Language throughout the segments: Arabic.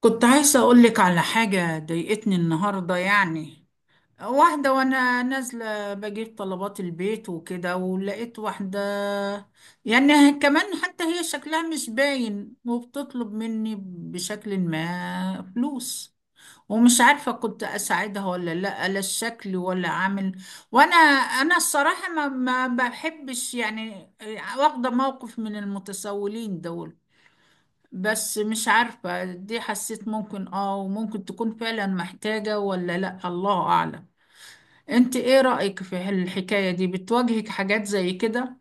كنت عايزة أقولك على حاجة ضايقتني النهاردة يعني. واحدة وأنا نازلة بجيب طلبات البيت وكده، ولقيت واحدة يعني كمان، حتى هي شكلها مش باين، وبتطلب مني بشكل ما فلوس. ومش عارفة كنت أساعدها ولا لأ، لا الشكل ولا عامل. وأنا الصراحة ما بحبش يعني، واخدة موقف من المتسولين دول. بس مش عارفة، دي حسيت ممكن وممكن تكون فعلا محتاجة ولا لا، الله أعلم. انت ايه رأيك في الحكاية دي؟ بتواجهك حاجات زي كده؟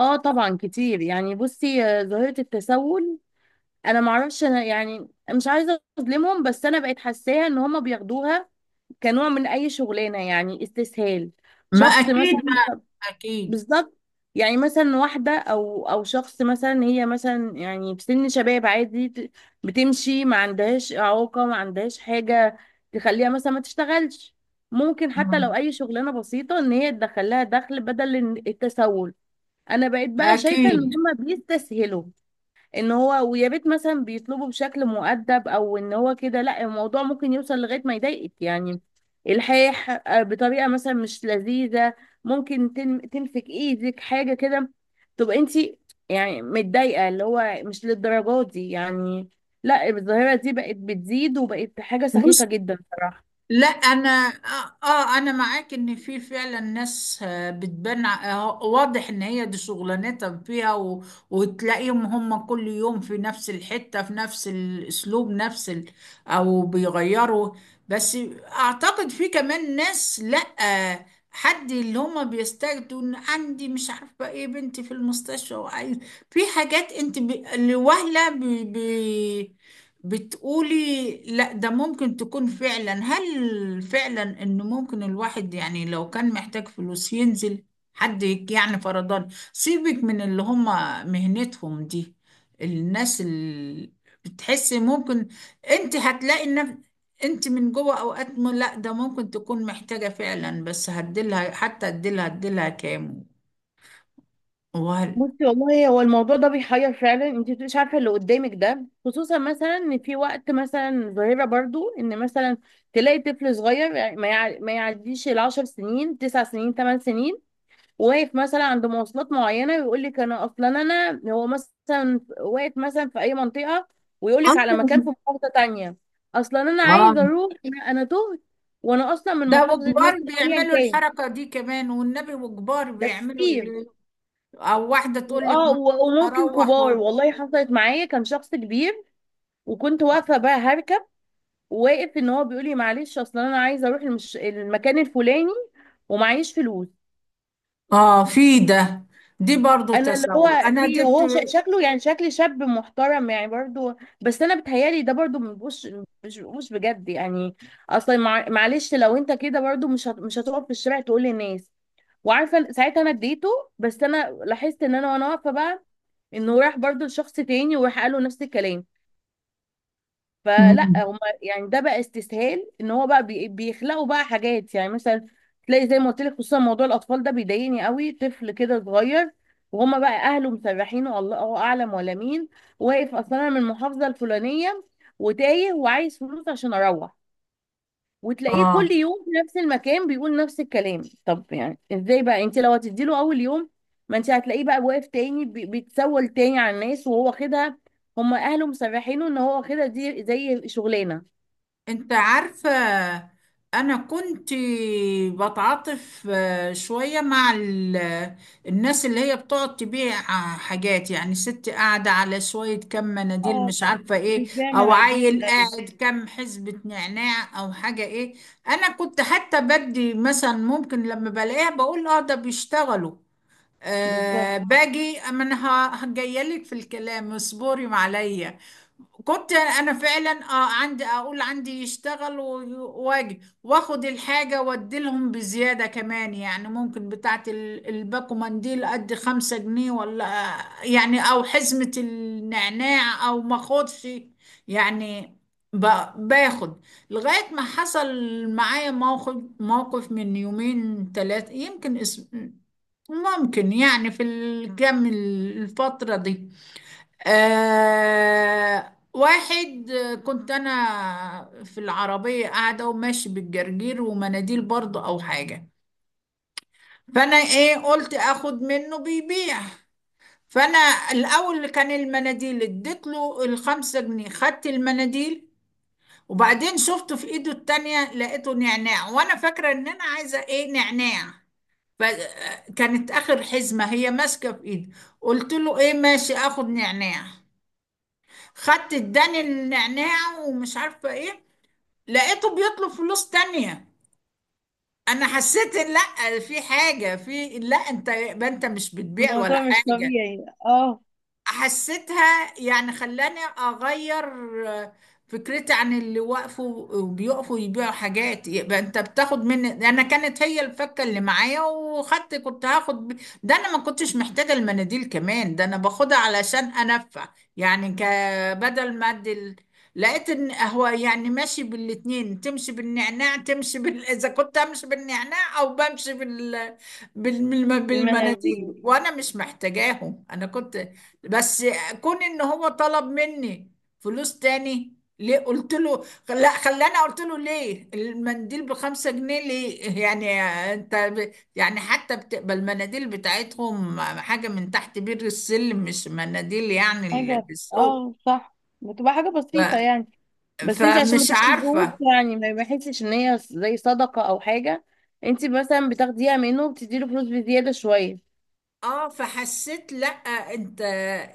اه، طبعا كتير. يعني بصي، ظاهرة التسول. انا معرفش، انا يعني مش عايزة اظلمهم، بس انا بقيت حاساها ان هما بياخدوها كنوع من اي شغلانة، يعني استسهال. ما شخص اكيد مثلا. ما. اكيد. بالظبط. يعني مثلا واحدة او شخص، مثلا هي مثلا يعني في سن شباب عادي، بتمشي، ما عندهاش اعاقة، ما عندهاش حاجة تخليها مثلا ما تشتغلش. ممكن حتى لو مم. اي شغلانة بسيطة ان هي تدخلها دخل بدل التسول. انا بقيت بقى شايفه ان اكيد. هما بيستسهلوا ان هو، ويا ريت مثلا بيطلبوا بشكل مؤدب او ان هو كده. لا، الموضوع ممكن يوصل لغايه ما يضايقك يعني. الحاح بطريقه مثلا مش لذيذه. ممكن تمسك ايدك حاجه كده، تبقى انت يعني متضايقه، اللي هو مش للدرجه دي يعني. لا، الظاهره دي بقت بتزيد، وبقت حاجه سخيفه بص. جدا صراحه. لا انا انا معاك ان في فعلا ناس بتبان واضح ان هي دي شغلانتها فيها و... وتلاقيهم هم كل يوم في نفس الحتة، في نفس الاسلوب، نفس ال... او بيغيروا. بس اعتقد في كمان ناس لا حد اللي هم بيستجدوا ان عندي مش عارفة ايه بنتي في المستشفى وعايز. في حاجات انت لوهلة ب... بتقولي لا، ده ممكن تكون فعلا. هل فعلا ان ممكن الواحد يعني لو كان محتاج فلوس ينزل؟ يعني فرضان سيبك من اللي هم مهنتهم دي، الناس اللي بتحسي ممكن، انت هتلاقي ان انت من جوه اوقات لا ده ممكن تكون محتاجة فعلا، بس هديلها حتى هديلها كام؟ وهل... بصي، والله هو الموضوع ده بيحير فعلا. انت مش عارفه اللي قدامك ده، خصوصا مثلا ان في وقت مثلا ظاهره برضو ان مثلا تلاقي طفل صغير، يعني ما يعديش العشر سنين، تسع سنين، ثمان سنين، واقف مثلا عند مواصلات معينه، ويقول لك انا اصلا، انا هو مثلا واقف مثلا في اي منطقه ويقول لك اه على مكان في محافظه تانية. اصلا انا عايز اه، اروح، أنا تهت، وانا اصلا من ده محافظه وكبار مثلا ايا بيعملوا كان. الحركة دي كمان، والنبي وكبار ده بيعملوا كتير. اللي... أو واحدة تقول لك اه، ما وممكن أروح كبار. و... والله حصلت معايا، كان شخص كبير، وكنت واقفه بقى هركب، واقف ان هو بيقول لي معلش، اصل انا عايزه اروح المكان الفلاني، ومعيش فلوس. آه، في ده. دي برضو انا اللي تساؤل هو أنا في، جبت. وهو شكله يعني شكل شاب محترم يعني برضو. بس انا بتهيالي ده برضو، مش بجد يعني. اصلا معلش، لو انت كده برضو مش هتقف في الشارع تقول للناس. وعارفه ساعتها انا اديته، بس انا لاحظت ان انا وانا واقفه بقى، انه راح برضو لشخص تاني وراح قال له نفس الكلام. فلا، مم. هم يعني ده بقى استسهال، ان هو بقى بيخلقوا بقى حاجات، يعني مثلا تلاقي زي ما قلت لك، خصوصا موضوع الاطفال ده بيضايقني قوي. طفل كده صغير، وهما بقى اهله مسرحينه الله اعلم ولا مين، واقف اصلا أنا من المحافظه الفلانيه، وتايه وعايز فلوس عشان اروح. وتلاقيه آه. كل يوم في نفس المكان بيقول نفس الكلام. طب يعني ازاي بقى انت لو هتديله اول يوم؟ ما انت هتلاقيه بقى واقف تاني بيتسول تاني على الناس، وهو واخدها. هم اهله مسرحينه ان هو واخدها دي زي شغلانه. انت عارفة، انا كنت بتعاطف شوية مع الناس اللي هي بتقعد تبيع حاجات، يعني ست قاعدة على شوية كم مناديل اه، مش عارفة ايه، بتبيع او مناديل، عيل أيوة، قاعد كم حزبة نعناع او حاجة ايه. انا كنت حتى بدي مثلا ممكن لما بلاقيها بقول اه ده بيشتغلوا. بالظبط. باجي، اما انا جايه لك في الكلام اصبري معايا. كنت انا فعلا عندي، اقول عندي يشتغل واجي واخد الحاجه وادي لهم بزياده كمان، يعني ممكن بتاعت الباكو منديل ادي 5 جنيه، ولا يعني او حزمه النعناع، او ما اخدش يعني، باخد. لغايه ما حصل معايا موقف، موقف من يومين ثلاثه يمكن اسم، ممكن يعني في الكام الفتره دي. واحد، كنت انا في العربية قاعدة، وماشي بالجرجير ومناديل برضه او حاجة. فانا ايه، قلت اخد منه بيبيع. فانا الاول اللي كان المناديل، اديت له ال5 جنيه، خدت المناديل. وبعدين شفته في ايده التانية لقيته نعناع، وانا فاكرة ان انا عايزة ايه نعناع، فكانت اخر حزمة هي ماسكة في ايدي. قلت له ايه ماشي اخد نعناع. خدت، اداني النعناع ومش عارفه ايه، لقيته بيطلب فلوس تانية. انا حسيت إن لا، في حاجه، في، لا انت يبقى انت مش بتبيع ولا الموضوع مش حاجه. طبيعي، اه. حسيتها، يعني خلاني اغير آه، فكرتي عن اللي وقفوا وبيقفوا يبيعوا حاجات. يبقى انت بتاخد مني انا، كانت هي الفكه اللي معايا، وخدت، كنت هاخد ب... ده انا ما كنتش محتاجه المناديل كمان، ده انا باخدها علشان انفع، يعني ك، بدل ما ادي لقيت ان هو يعني ماشي بالاتنين، تمشي بالنعناع تمشي بال... اذا كنت امشي بالنعناع او بمشي بال... المناديل بالمناديل وانا مش محتاجاهم. انا كنت بس، كون ان هو طلب مني فلوس تاني ليه، قلت له لا. خلاني قلت له ليه المنديل ب5 جنيه ليه يعني؟ انت ب... يعني حتى بتبقى المناديل بتاعتهم حاجة من تحت بير السلم، مش مناديل يعني اللي حاجة، بالسوق. اه، صح، بتبقى حاجة ف... بسيطة يعني. بس انت عشان ما فمش تكتبوش، عارفة. يعني ما يحسش ان هي زي صدقة او حاجة، انت مثلا بتاخديها منه وبتديله فلوس بزيادة شوية. اه فحسيت لا. انت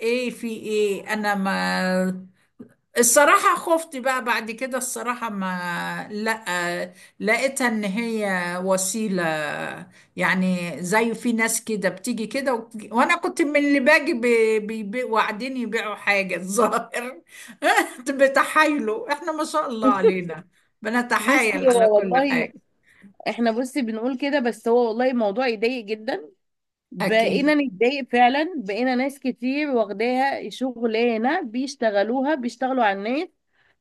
ايه في ايه؟ انا ما الصراحة خفت بقى بعد كده، الصراحة ما لا، لقيتها ان هي وسيلة. يعني زي في ناس كده بتيجي كده و... وانا كنت من اللي باجي ب... ب... ب... وقاعدين يبيعوا حاجة الظاهر. بتحايلوا، احنا ما شاء الله علينا بصي، بنتحايل على هو كل والله، حاجة. احنا بصي بنقول كده، بس هو والله الموضوع يضايق جدا. اكيد. بقينا نتضايق فعلا. بقينا ناس كتير واخداها شغلانة، بيشتغلوها، بيشتغلوا على الناس.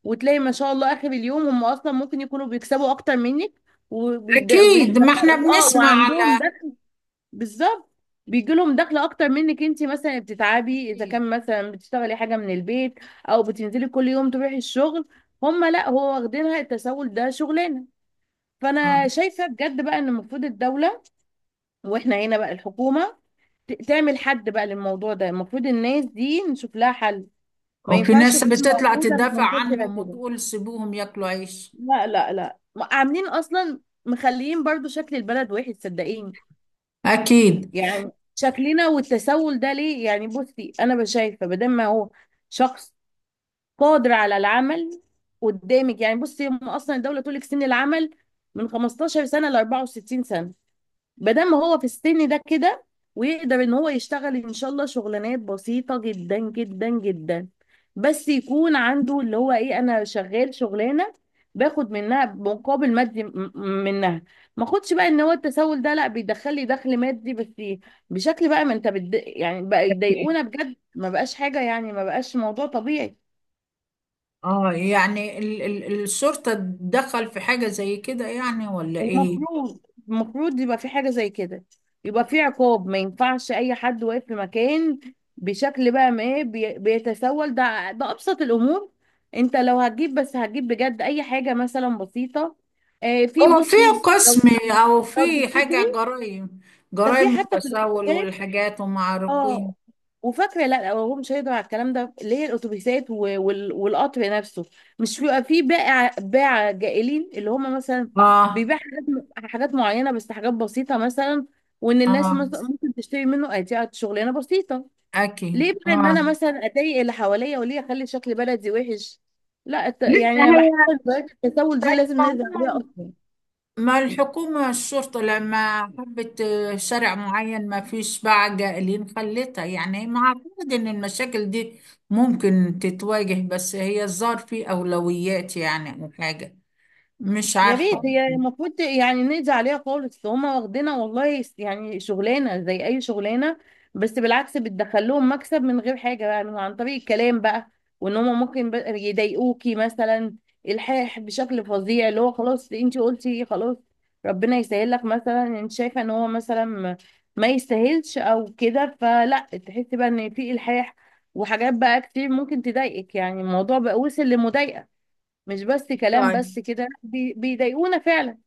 وتلاقي ما شاء الله اخر اليوم هم اصلا ممكن يكونوا بيكسبوا اكتر منك، وبيدخلوا اكيد، ما احنا اه بنسمع وعندهم على. ده. بالظبط. بيجي لهم دخل اكتر منك. انت مثلا بتتعبي اذا اكيد كان مثلا بتشتغلي حاجه من البيت، او بتنزلي كل يوم تروحي الشغل. هم لا، هو واخدينها التسول ده شغلانه. اه. فانا شايفه بجد بقى ان المفروض الدوله، واحنا هنا بقى الحكومه، تعمل حد بقى للموضوع ده. المفروض الناس دي نشوف لها حل. ما وفي ينفعش ناس تكون بتطلع موجوده تدافع منتشره عنهم كده. وتقول سيبوهم ياكلوا عيش. لا لا لا، عاملين اصلا مخليين برضو شكل البلد وحش، صدقيني. اكيد يعني شكلنا، والتسول ده ليه يعني؟ بصي، انا بشايفه بدل ما هو شخص قادر على العمل قدامك، يعني بصي هم اصلا الدوله تقول لك سن العمل من 15 سنه ل 64 سنه. بدل ما هو في السن ده كده ويقدر ان هو يشتغل ان شاء الله شغلانات بسيطة جدا جدا جدا، بس يكون عنده اللي هو ايه، انا شغال شغلانة، باخد منها مقابل مادي منها. ما اخدش بقى ان هو التسول ده، لا، بيدخل لي دخل مادي بس بشكل بقى ما انت يعني بقى يضايقونا بجد. ما بقاش حاجة يعني، ما بقاش موضوع طبيعي. اه. يعني ال الشرطة تدخل في حاجة زي كده يعني ولا ايه؟ المفروض، يبقى في حاجة زي كده، يبقى في عقاب. ما ينفعش أي حد واقف في مكان بشكل بقى، ما إيه، بيتسول. ده أبسط الأمور. أنت لو هتجيب، بس هتجيب بجد أي حاجة مثلا بسيطة. في هو في بصي، لو قسم او لو في تفتكري حاجة جرائم، ده في جرائم حتى في التسول الابتدائي، والحاجات وما عارفين. اه. وفاكره لا، هو مش هيقدر على الكلام ده. اللي هي الاتوبيسات والقطر نفسه، مش بيبقى فيه باع باع جائلين، اللي هم مثلا اه بيبيع حاجات، حاجات معينه، بس حاجات بسيطه مثلا. وان الناس اه مثلا ممكن تشتري منه، ادي شغلانه بسيطه. اكيد ليه بقى ان اه. انا مثلا اضايق اللي حواليا، وليه اخلي شكل بلدي وحش؟ لا، لا يعني انا بحس هو ان ظاهرة التسول طيب، دي لازم ما نقدر عليها هم، اصلا. ما الحكومة الشرطة لما حبت شارع معين ما فيش بقى قائلين خلتها، يعني ما اعتقد ان المشاكل دي ممكن تتواجه، بس هي الظاهر في اولويات يعني او حاجة، مش يا ريت، عارفة. هي المفروض يعني نقضي عليها خالص. هما واخدينها والله يعني شغلانه زي اي شغلانه، بس بالعكس بتدخل لهم مكسب من غير حاجه، يعني عن طريق الكلام بقى. وان هما ممكن بقى يضايقوكي مثلا، الحاح بشكل فظيع. اللي هو خلاص، انت قلتي خلاص، ربنا يسهل لك مثلا، انت شايفه ان هو مثلا ما يستاهلش او كده، فلا. تحسي بقى ان في الحاح، وحاجات بقى كتير ممكن تضايقك يعني. الموضوع بقى وصل لمضايقه، مش بس كلام. طيب. بس كده بيضايقونا فعلا.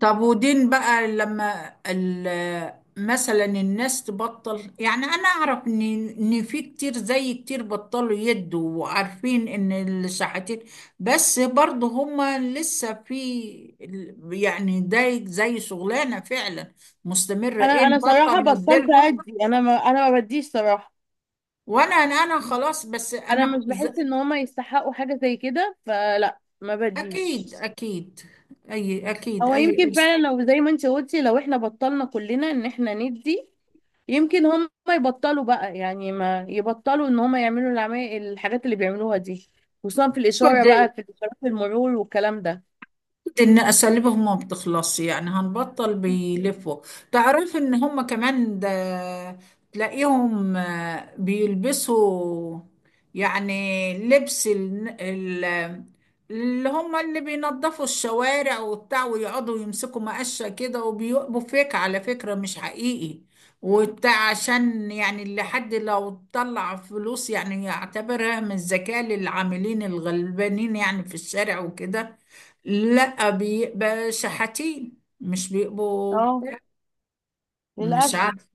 طب ودين بقى لما مثلا الناس تبطل، يعني أنا أعرف إن إن في كتير، زي كتير بطلوا يدوا وعارفين إن الشحاتين، بس برضه هما لسه في يعني ده زي شغلانة فعلا مستمرة. انا إيه، انا نبطل صراحه بطلت نديلهم. ادي. انا ما بديش صراحه. وأنا خلاص، بس انا أنا مش بحس ان هما يستحقوا حاجه زي كده، فلا، ما بديش. أكيد أكيد، أي أكيد هو أي يمكن قرش. فعلا لو زي ما انت قلتي، لو احنا بطلنا كلنا ان احنا ندي، يمكن هما يبطلوا بقى. يعني ما يبطلوا ان هما يعملوا العمال الحاجات اللي بيعملوها دي، خصوصا في الاشاره بقى، في اشارات المرور والكلام ده. ان اساليبهم ما بتخلصش يعني، هنبطل بيلفوا. تعرف ان هم كمان ده، تلاقيهم بيلبسوا يعني لبس اللي هم اللي بينظفوا الشوارع وبتاع، ويقعدوا يمسكوا مقشة كده، وبيقبوا فيك على فكرة مش حقيقي. وبتاع عشان يعني اللي حد لو طلع فلوس يعني يعتبرها من الذكاء للعاملين الغلبانين يعني في الشارع وكده. لا بيبقى شحاتين، مش بيبقوا. اه، مش للاسف. عارف،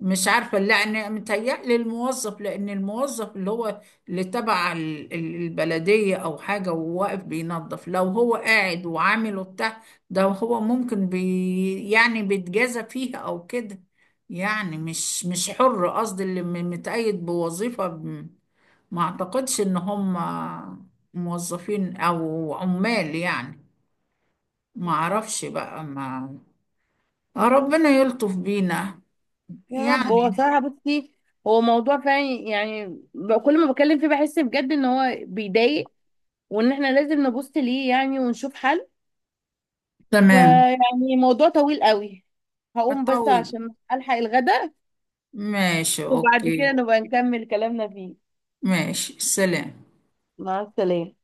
مش عارفة، لأن متهيألي الموظف، لأن الموظف اللي هو اللي تبع البلدية أو حاجة وواقف بينظف، لو هو قاعد وعامل وبتاع، ده هو ممكن بي يعني بيتجازى فيها أو كده، يعني مش مش حر، قصدي اللي متقيد بوظيفة ما أعتقدش إن هم موظفين أو عمال يعني. ما اعرفش بقى ما. ربنا يلطف بينا يا رب. هو يعني. صراحة بصي، هو موضوع فعلا يعني، كل ما بتكلم فيه بحس بجد ان هو بيضايق، وان احنا لازم نبص ليه يعني، ونشوف حل. تمام. فيعني موضوع طويل قوي. هقوم بس بطول. عشان الحق الغداء، ماشي وبعد كده اوكي. نبقى نكمل كلامنا فيه. ماشي، سلام. مع السلامة.